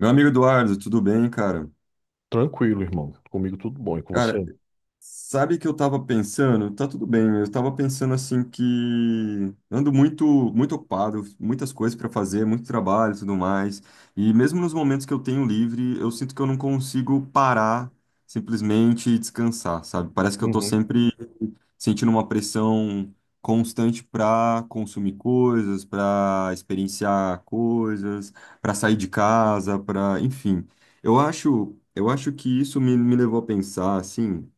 Meu amigo Eduardo, tudo bem, cara? Tranquilo, irmão. Comigo tudo bom. E com Cara, você? sabe que eu tava pensando? Tá tudo bem, eu tava pensando assim que ando muito muito ocupado, muitas coisas para fazer, muito trabalho e tudo mais. E mesmo nos momentos que eu tenho livre, eu sinto que eu não consigo parar simplesmente e descansar, sabe? Parece que eu tô Uhum, sempre sentindo uma pressão constante para consumir coisas, para experienciar coisas, para sair de casa, para, enfim. Eu acho que isso me levou a pensar assim.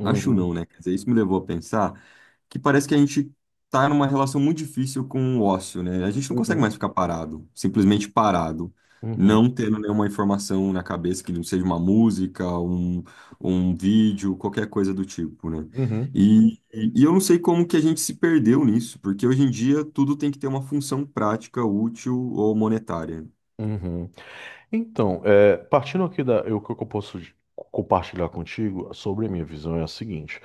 Acho não, né? Quer dizer, isso me levou a pensar que parece que a gente tá numa relação muito difícil com o ócio, né? A gente não consegue mais uhum, ficar parado, simplesmente parado, uhum, não tendo nenhuma informação na cabeça que não seja uma música, um vídeo, qualquer coisa do tipo, né? uhum, E eu não sei como que a gente se perdeu nisso, porque hoje em dia tudo tem que ter uma função prática, útil ou monetária. uhum. Então, partindo aqui o que eu posso compartilhar contigo sobre a minha visão é a seguinte.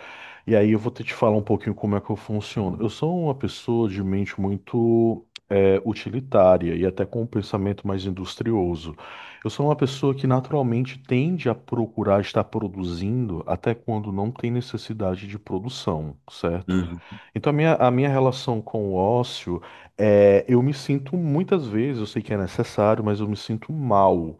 E aí eu vou ter que te falar um pouquinho como é que eu funciono. Eu sou uma pessoa de mente muito utilitária e até com um pensamento mais industrioso. Eu sou uma pessoa que naturalmente tende a procurar estar produzindo até quando não tem necessidade de produção, certo? Uhum, Então, a minha relação com o ócio eu me sinto muitas vezes, eu sei que é necessário, mas eu me sinto mal,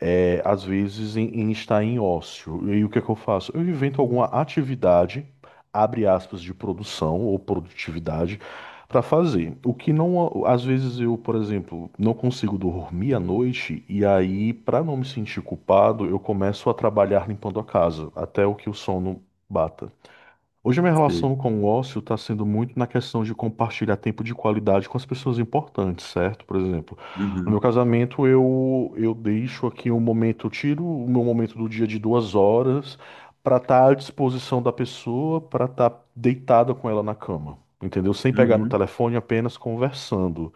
às vezes, em estar em ócio. E aí, o que é que eu faço? Eu invento alguma atividade, abre aspas, de produção ou produtividade, para fazer. O que não, às vezes, eu, por exemplo, não consigo dormir à noite, e aí, para não me sentir culpado, eu começo a trabalhar limpando a casa, até o que o sono bata. Hoje a minha sei. relação com o ócio está sendo muito na questão de compartilhar tempo de qualidade com as pessoas importantes, certo? Por exemplo, no meu Uhum, casamento eu deixo aqui um momento, eu tiro o meu momento do dia de 2 horas para estar à disposição da pessoa, para estar deitada com ela na cama, entendeu? Sem pegar no uhum, telefone, apenas conversando.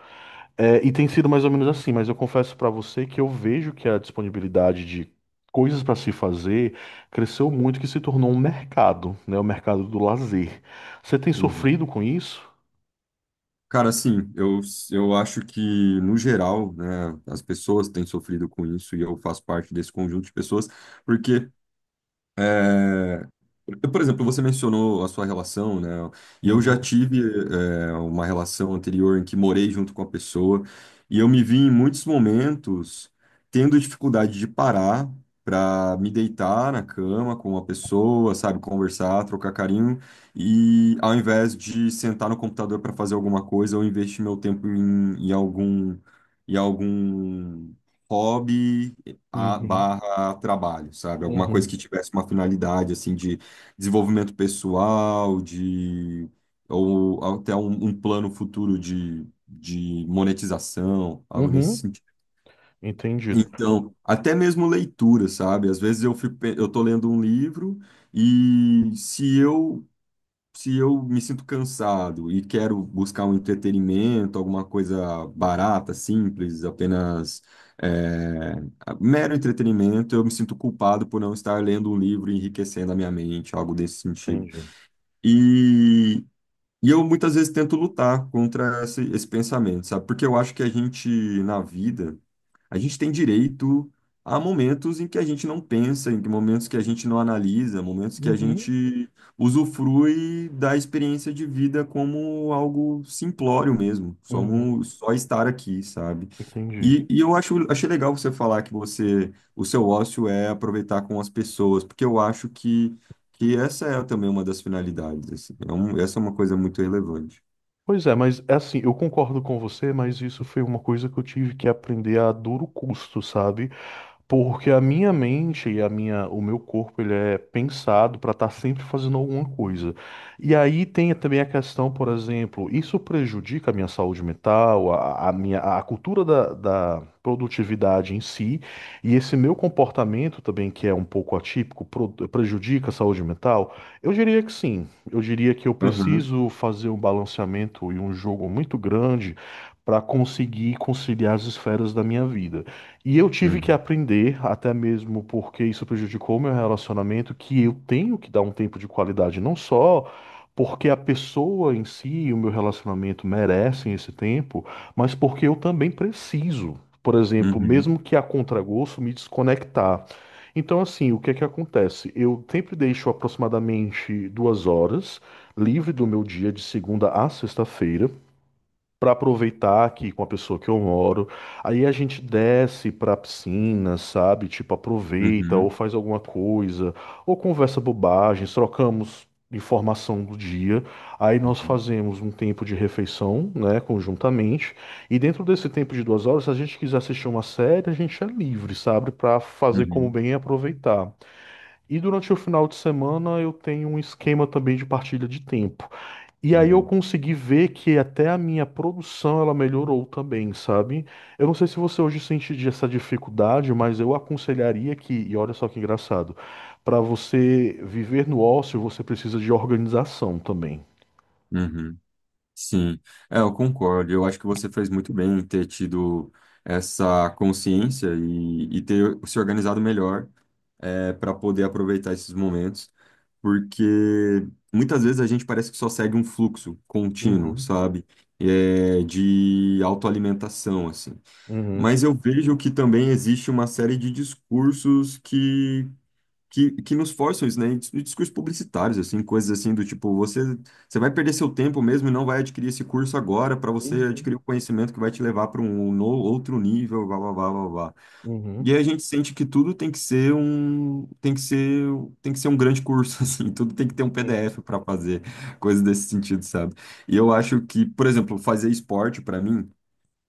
É, e tem sido mais ou menos assim, mas eu confesso pra você que eu vejo que a disponibilidade de coisas pra se fazer cresceu muito, que se tornou um mercado, né? O mercado do lazer. Você tem uhum. sofrido com isso? Cara, assim, eu acho que, no geral, né, as pessoas têm sofrido com isso e eu faço parte desse conjunto de pessoas, porque é, por exemplo, você mencionou a sua relação, né? E eu já Uhum, tive, uma relação anterior em que morei junto com a pessoa, e eu me vi em muitos momentos tendo dificuldade de parar para me deitar na cama com uma pessoa, sabe, conversar, trocar carinho, e ao invés de sentar no computador para fazer alguma coisa, eu investi meu tempo em algum hobby a uhum, barra trabalho, sabe? Alguma coisa uhum, que tivesse uma finalidade assim de desenvolvimento pessoal, de ou até um plano futuro de monetização, algo nesse uhum. sentido. Entendido, Então, até mesmo leitura, sabe? Às vezes eu fico, eu tô lendo um livro e se eu me sinto cansado e quero buscar um entretenimento, alguma coisa barata, simples, apenas é, mero entretenimento, eu me sinto culpado por não estar lendo um livro e enriquecendo a minha mente, algo desse sentido. entendi. E, e eu muitas vezes tento lutar contra esse pensamento, sabe? Porque eu acho que a gente, na vida, a gente tem direito a momentos em que a gente não pensa, em que momentos que a gente não analisa, momentos que a Uhum, gente usufrui da experiência de vida como algo simplório mesmo, só, uhum, só estar aqui, sabe? entendi. E eu acho, achei legal você falar que você, o seu ócio é aproveitar com as pessoas, porque eu acho que essa é também uma das finalidades, assim. Essa é uma coisa muito relevante. Pois é, mas é assim, eu concordo com você, mas isso foi uma coisa que eu tive que aprender a duro custo, sabe? Porque a minha mente e o meu corpo, ele é pensado para estar sempre fazendo alguma coisa. E aí tem também a questão, por exemplo, isso prejudica a minha saúde mental, a cultura da produtividade em si, e esse meu comportamento também, que é um pouco atípico, prejudica a saúde mental? Eu diria que sim. Eu diria que eu Aham, preciso fazer um balanceamento e um jogo muito grande para conseguir conciliar as esferas da minha vida. E eu tive que uhum, aprender, até mesmo porque isso prejudicou meu relacionamento, que eu tenho que dar um tempo de qualidade, não só porque a pessoa em si e o meu relacionamento merecem esse tempo, mas porque eu também preciso. Por exemplo, uhum, mesmo que a contragosto me desconectar. Então, assim, o que é que acontece? Eu sempre deixo aproximadamente 2 horas livre do meu dia de segunda a sexta-feira para aproveitar aqui com a pessoa que eu moro. Aí a gente desce pra piscina, sabe? Tipo, aproveita ou uhum, faz alguma coisa, ou conversa bobagens, trocamos informação do dia. Aí nós uhum, fazemos um tempo de refeição, né, conjuntamente. E dentro desse tempo de 2 horas, se a gente quiser assistir uma série, a gente é livre, sabe? Pra fazer como uhum, bem e aproveitar. E durante o final de semana eu tenho um esquema também de partilha de tempo. E aí eu uhum, consegui ver que até a minha produção ela melhorou também, sabe? Eu não sei se você hoje sente essa dificuldade, mas eu aconselharia que, e olha só que engraçado, para você viver no ócio, você precisa de organização também. uhum. Sim, é, eu concordo. Eu acho que você fez muito bem em ter tido essa consciência e ter se organizado melhor para poder aproveitar esses momentos, porque muitas vezes a gente parece que só segue um fluxo contínuo, Uhum, sabe? É, de autoalimentação, assim. uhum, Mas eu vejo que também existe uma série de discursos que nos forçam isso, né? E discursos publicitários, assim, coisas assim do tipo, você vai perder seu tempo mesmo e não vai adquirir esse curso agora para você uhum, adquirir o conhecimento que vai te levar para um no, outro nível, blá, blá, blá, blá, blá. E aí uhum, a gente sente que tudo tem que ser tem que ser um grande curso, assim, tudo tem que ter um uhum, PDF para fazer, coisas desse sentido, sabe? E eu acho que, por exemplo, fazer esporte para mim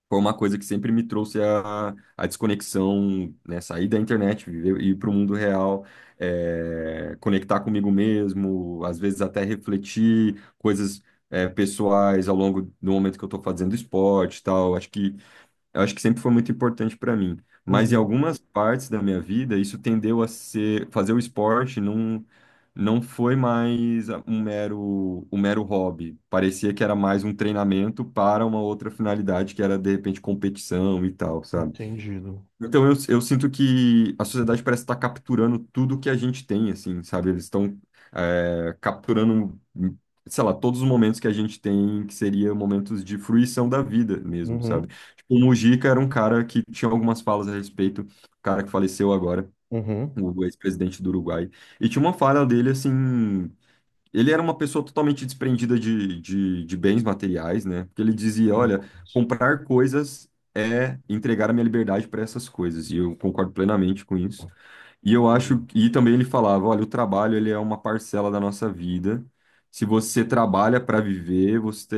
foi uma coisa que sempre me trouxe a desconexão, né? Sair da internet, viver, ir para o mundo real, conectar comigo mesmo, às vezes até refletir coisas, pessoais ao longo do momento que eu estou fazendo esporte e tal. Acho que eu acho que sempre foi muito importante para mim. Mas em uhum. algumas partes da minha vida, isso tendeu a ser, fazer o esporte não, não foi mais um mero hobby. Parecia que era mais um treinamento para uma outra finalidade, que era de repente competição e tal, sabe? Entendido. Então, eu sinto que a sociedade parece estar capturando tudo que a gente tem, assim, sabe? Eles estão capturando, sei lá, todos os momentos que a gente tem, que seria momentos de fruição da vida mesmo, sabe? Uhum, Tipo, o Mujica era um cara que tinha algumas falas a respeito, o cara que faleceu agora, uhum. o ex-presidente do Uruguai, e tinha uma fala dele, assim, ele era uma pessoa totalmente desprendida de bens materiais, né? Porque ele dizia, olha, Cinco. comprar coisas é entregar a minha liberdade para essas coisas, e eu concordo plenamente com isso. E eu acho, e também ele falava, olha, o trabalho ele é uma parcela da nossa vida. Se você trabalha para viver, você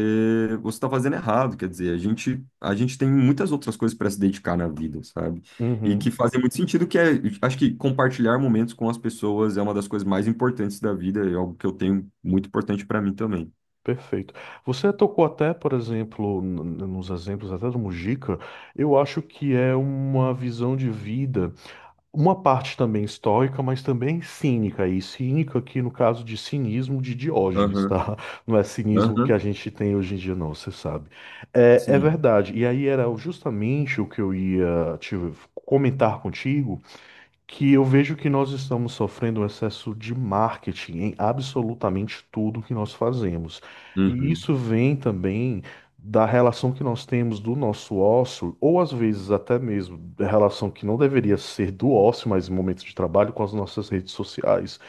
você está fazendo errado, quer dizer, a gente tem muitas outras coisas para se dedicar na vida, sabe? E Entendido. que fazem muito sentido, acho que compartilhar momentos com as pessoas é uma das coisas mais importantes da vida, é algo que eu tenho muito importante para mim também. Perfeito. Você tocou até, por exemplo, nos exemplos até do Mujica, eu acho que é uma visão de vida, uma parte também estoica, mas também cínica, e cínica aqui no caso de cinismo de Diógenes, Aham, tá? Não é cinismo que a aham, gente tem hoje em dia, não, você sabe. É, é sim. verdade, e aí era justamente o que eu ia te comentar contigo, que eu vejo que nós estamos sofrendo um excesso de marketing em absolutamente tudo que nós fazemos. E Uhum, isso vem também da relação que nós temos do nosso ócio, ou às vezes até mesmo da relação que não deveria ser do ócio, mas em momentos de trabalho, com as nossas redes sociais.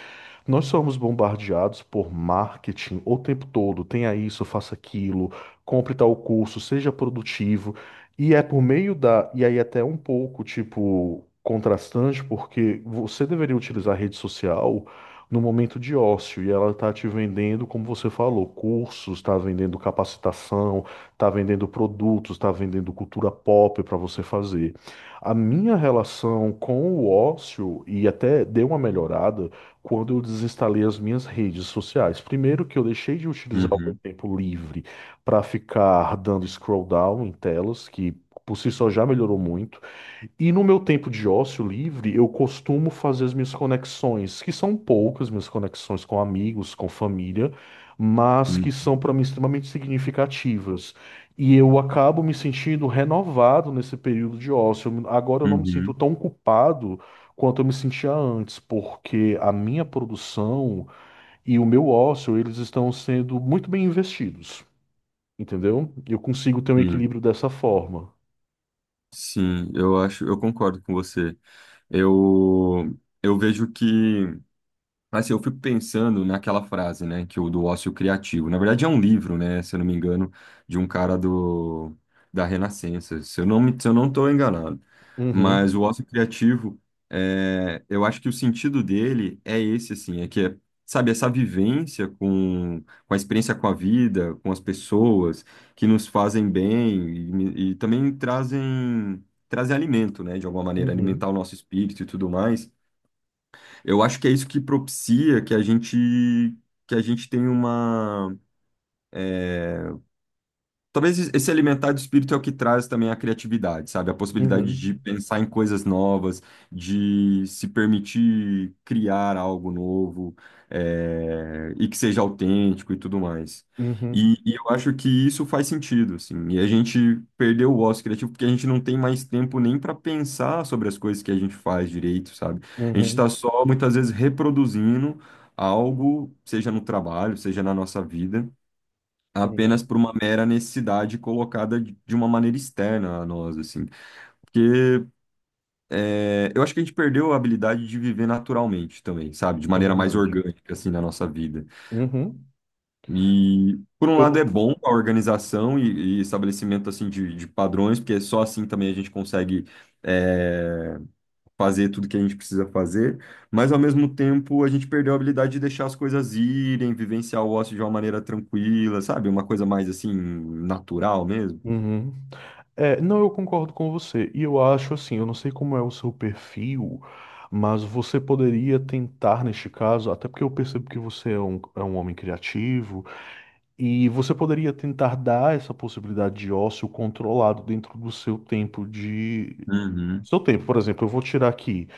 Nós somos bombardeados por marketing o tempo todo. Tenha isso, faça aquilo, compre tal curso, seja produtivo. E é por meio da. E aí, até um pouco, tipo, contrastante, porque você deveria utilizar a rede social no momento de ócio e ela está te vendendo, como você falou, cursos, está vendendo capacitação, está vendendo produtos, está vendendo cultura pop para você fazer. A minha relação com o ócio, e até deu uma melhorada quando eu desinstalei as minhas redes sociais. Primeiro que eu deixei de utilizar o meu uhum, tempo livre para ficar dando scroll down em telas, que por si só já melhorou muito. E no meu tempo de ócio livre, eu costumo fazer as minhas conexões, que são poucas, minhas conexões com amigos, com família, mas que uhum, são para mim extremamente significativas. E eu acabo me sentindo renovado nesse período de ócio. Agora eu não me sinto uhum, tão culpado quanto eu me sentia antes, porque a minha produção e o meu ócio, eles estão sendo muito bem investidos, entendeu? Eu consigo ter um uhum. equilíbrio dessa forma. Sim, eu acho, eu concordo com você. Eu, eu vejo que assim, eu fico pensando naquela frase, né, que o do ócio criativo. Na verdade, é um livro, né, se eu não me engano, de um cara do da Renascença. Se eu não estou enganado. Mas Uhum, o ócio criativo, eu acho que o sentido dele é esse, assim, sabe, essa vivência com a experiência com a vida, com as pessoas que nos fazem bem e também trazem alimento, né, de alguma maneira, alimentar uhum, o nosso espírito e tudo mais. Eu acho que é isso que propicia que a gente tenha uma... Talvez esse alimentar do espírito é o que traz também a criatividade, sabe? A possibilidade de uhum. pensar em coisas novas, de se permitir criar algo novo, e que seja autêntico e tudo mais. Uhum, E eu acho que isso faz sentido, assim. E a gente perdeu o ócio criativo porque a gente não tem mais tempo nem para pensar sobre as coisas que a gente faz direito, sabe? A gente uhum, está só muitas vezes reproduzindo algo, seja no trabalho, seja na nossa vida uhum. apenas por uma mera necessidade colocada de uma maneira externa a nós, assim. Porque eu acho que a gente perdeu a habilidade de viver naturalmente também, sabe? De É maneira mais verdade. orgânica, assim, na nossa vida. Uhum. E, por um Pelo... lado, é bom a organização e estabelecimento, assim, de padrões, porque só assim também a gente consegue é, fazer tudo que a gente precisa fazer. Mas, ao mesmo tempo, a gente perdeu a habilidade de deixar as coisas irem, vivenciar o ócio de uma maneira tranquila, sabe? Uma coisa mais, assim, natural mesmo. Uhum. É, não, eu concordo com você. E eu acho assim, eu não sei como é o seu perfil, mas você poderia tentar neste caso, até porque eu percebo que você é é um homem criativo, e você poderia tentar dar essa possibilidade de ócio controlado dentro do seu tempo de. Uhum, Seu tempo, por exemplo, eu vou tirar aqui.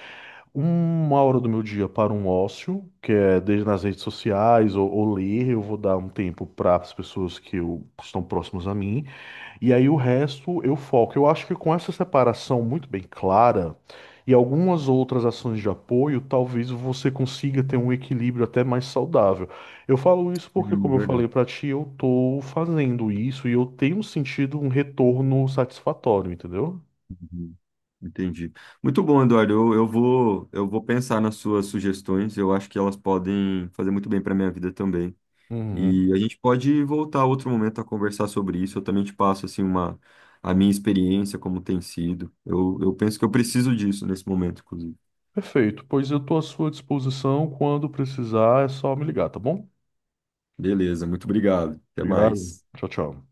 1 hora do meu dia para um ócio, que é desde nas redes sociais ou ler, eu vou dar um tempo para as pessoas que estão próximas a mim, e aí o resto eu foco. Eu acho que com essa separação muito bem clara e algumas outras ações de apoio, talvez você consiga ter um equilíbrio até mais saudável. Eu falo isso porque, uhum, como eu falei verdade. para ti, eu tô fazendo isso e eu tenho sentido um retorno satisfatório, entendeu? Uhum, entendi. Muito bom, Eduardo. Eu vou pensar nas suas sugestões. Eu acho que elas podem fazer muito bem para minha vida também. Uhum. E a gente pode voltar outro momento a conversar sobre isso. Eu também te passo assim uma a minha experiência, como tem sido. Eu penso que eu preciso disso nesse momento, inclusive. Perfeito, pois eu estou à sua disposição quando precisar, é só me ligar, tá bom? Beleza, muito obrigado. Até Obrigado. mais. Tchau, tchau.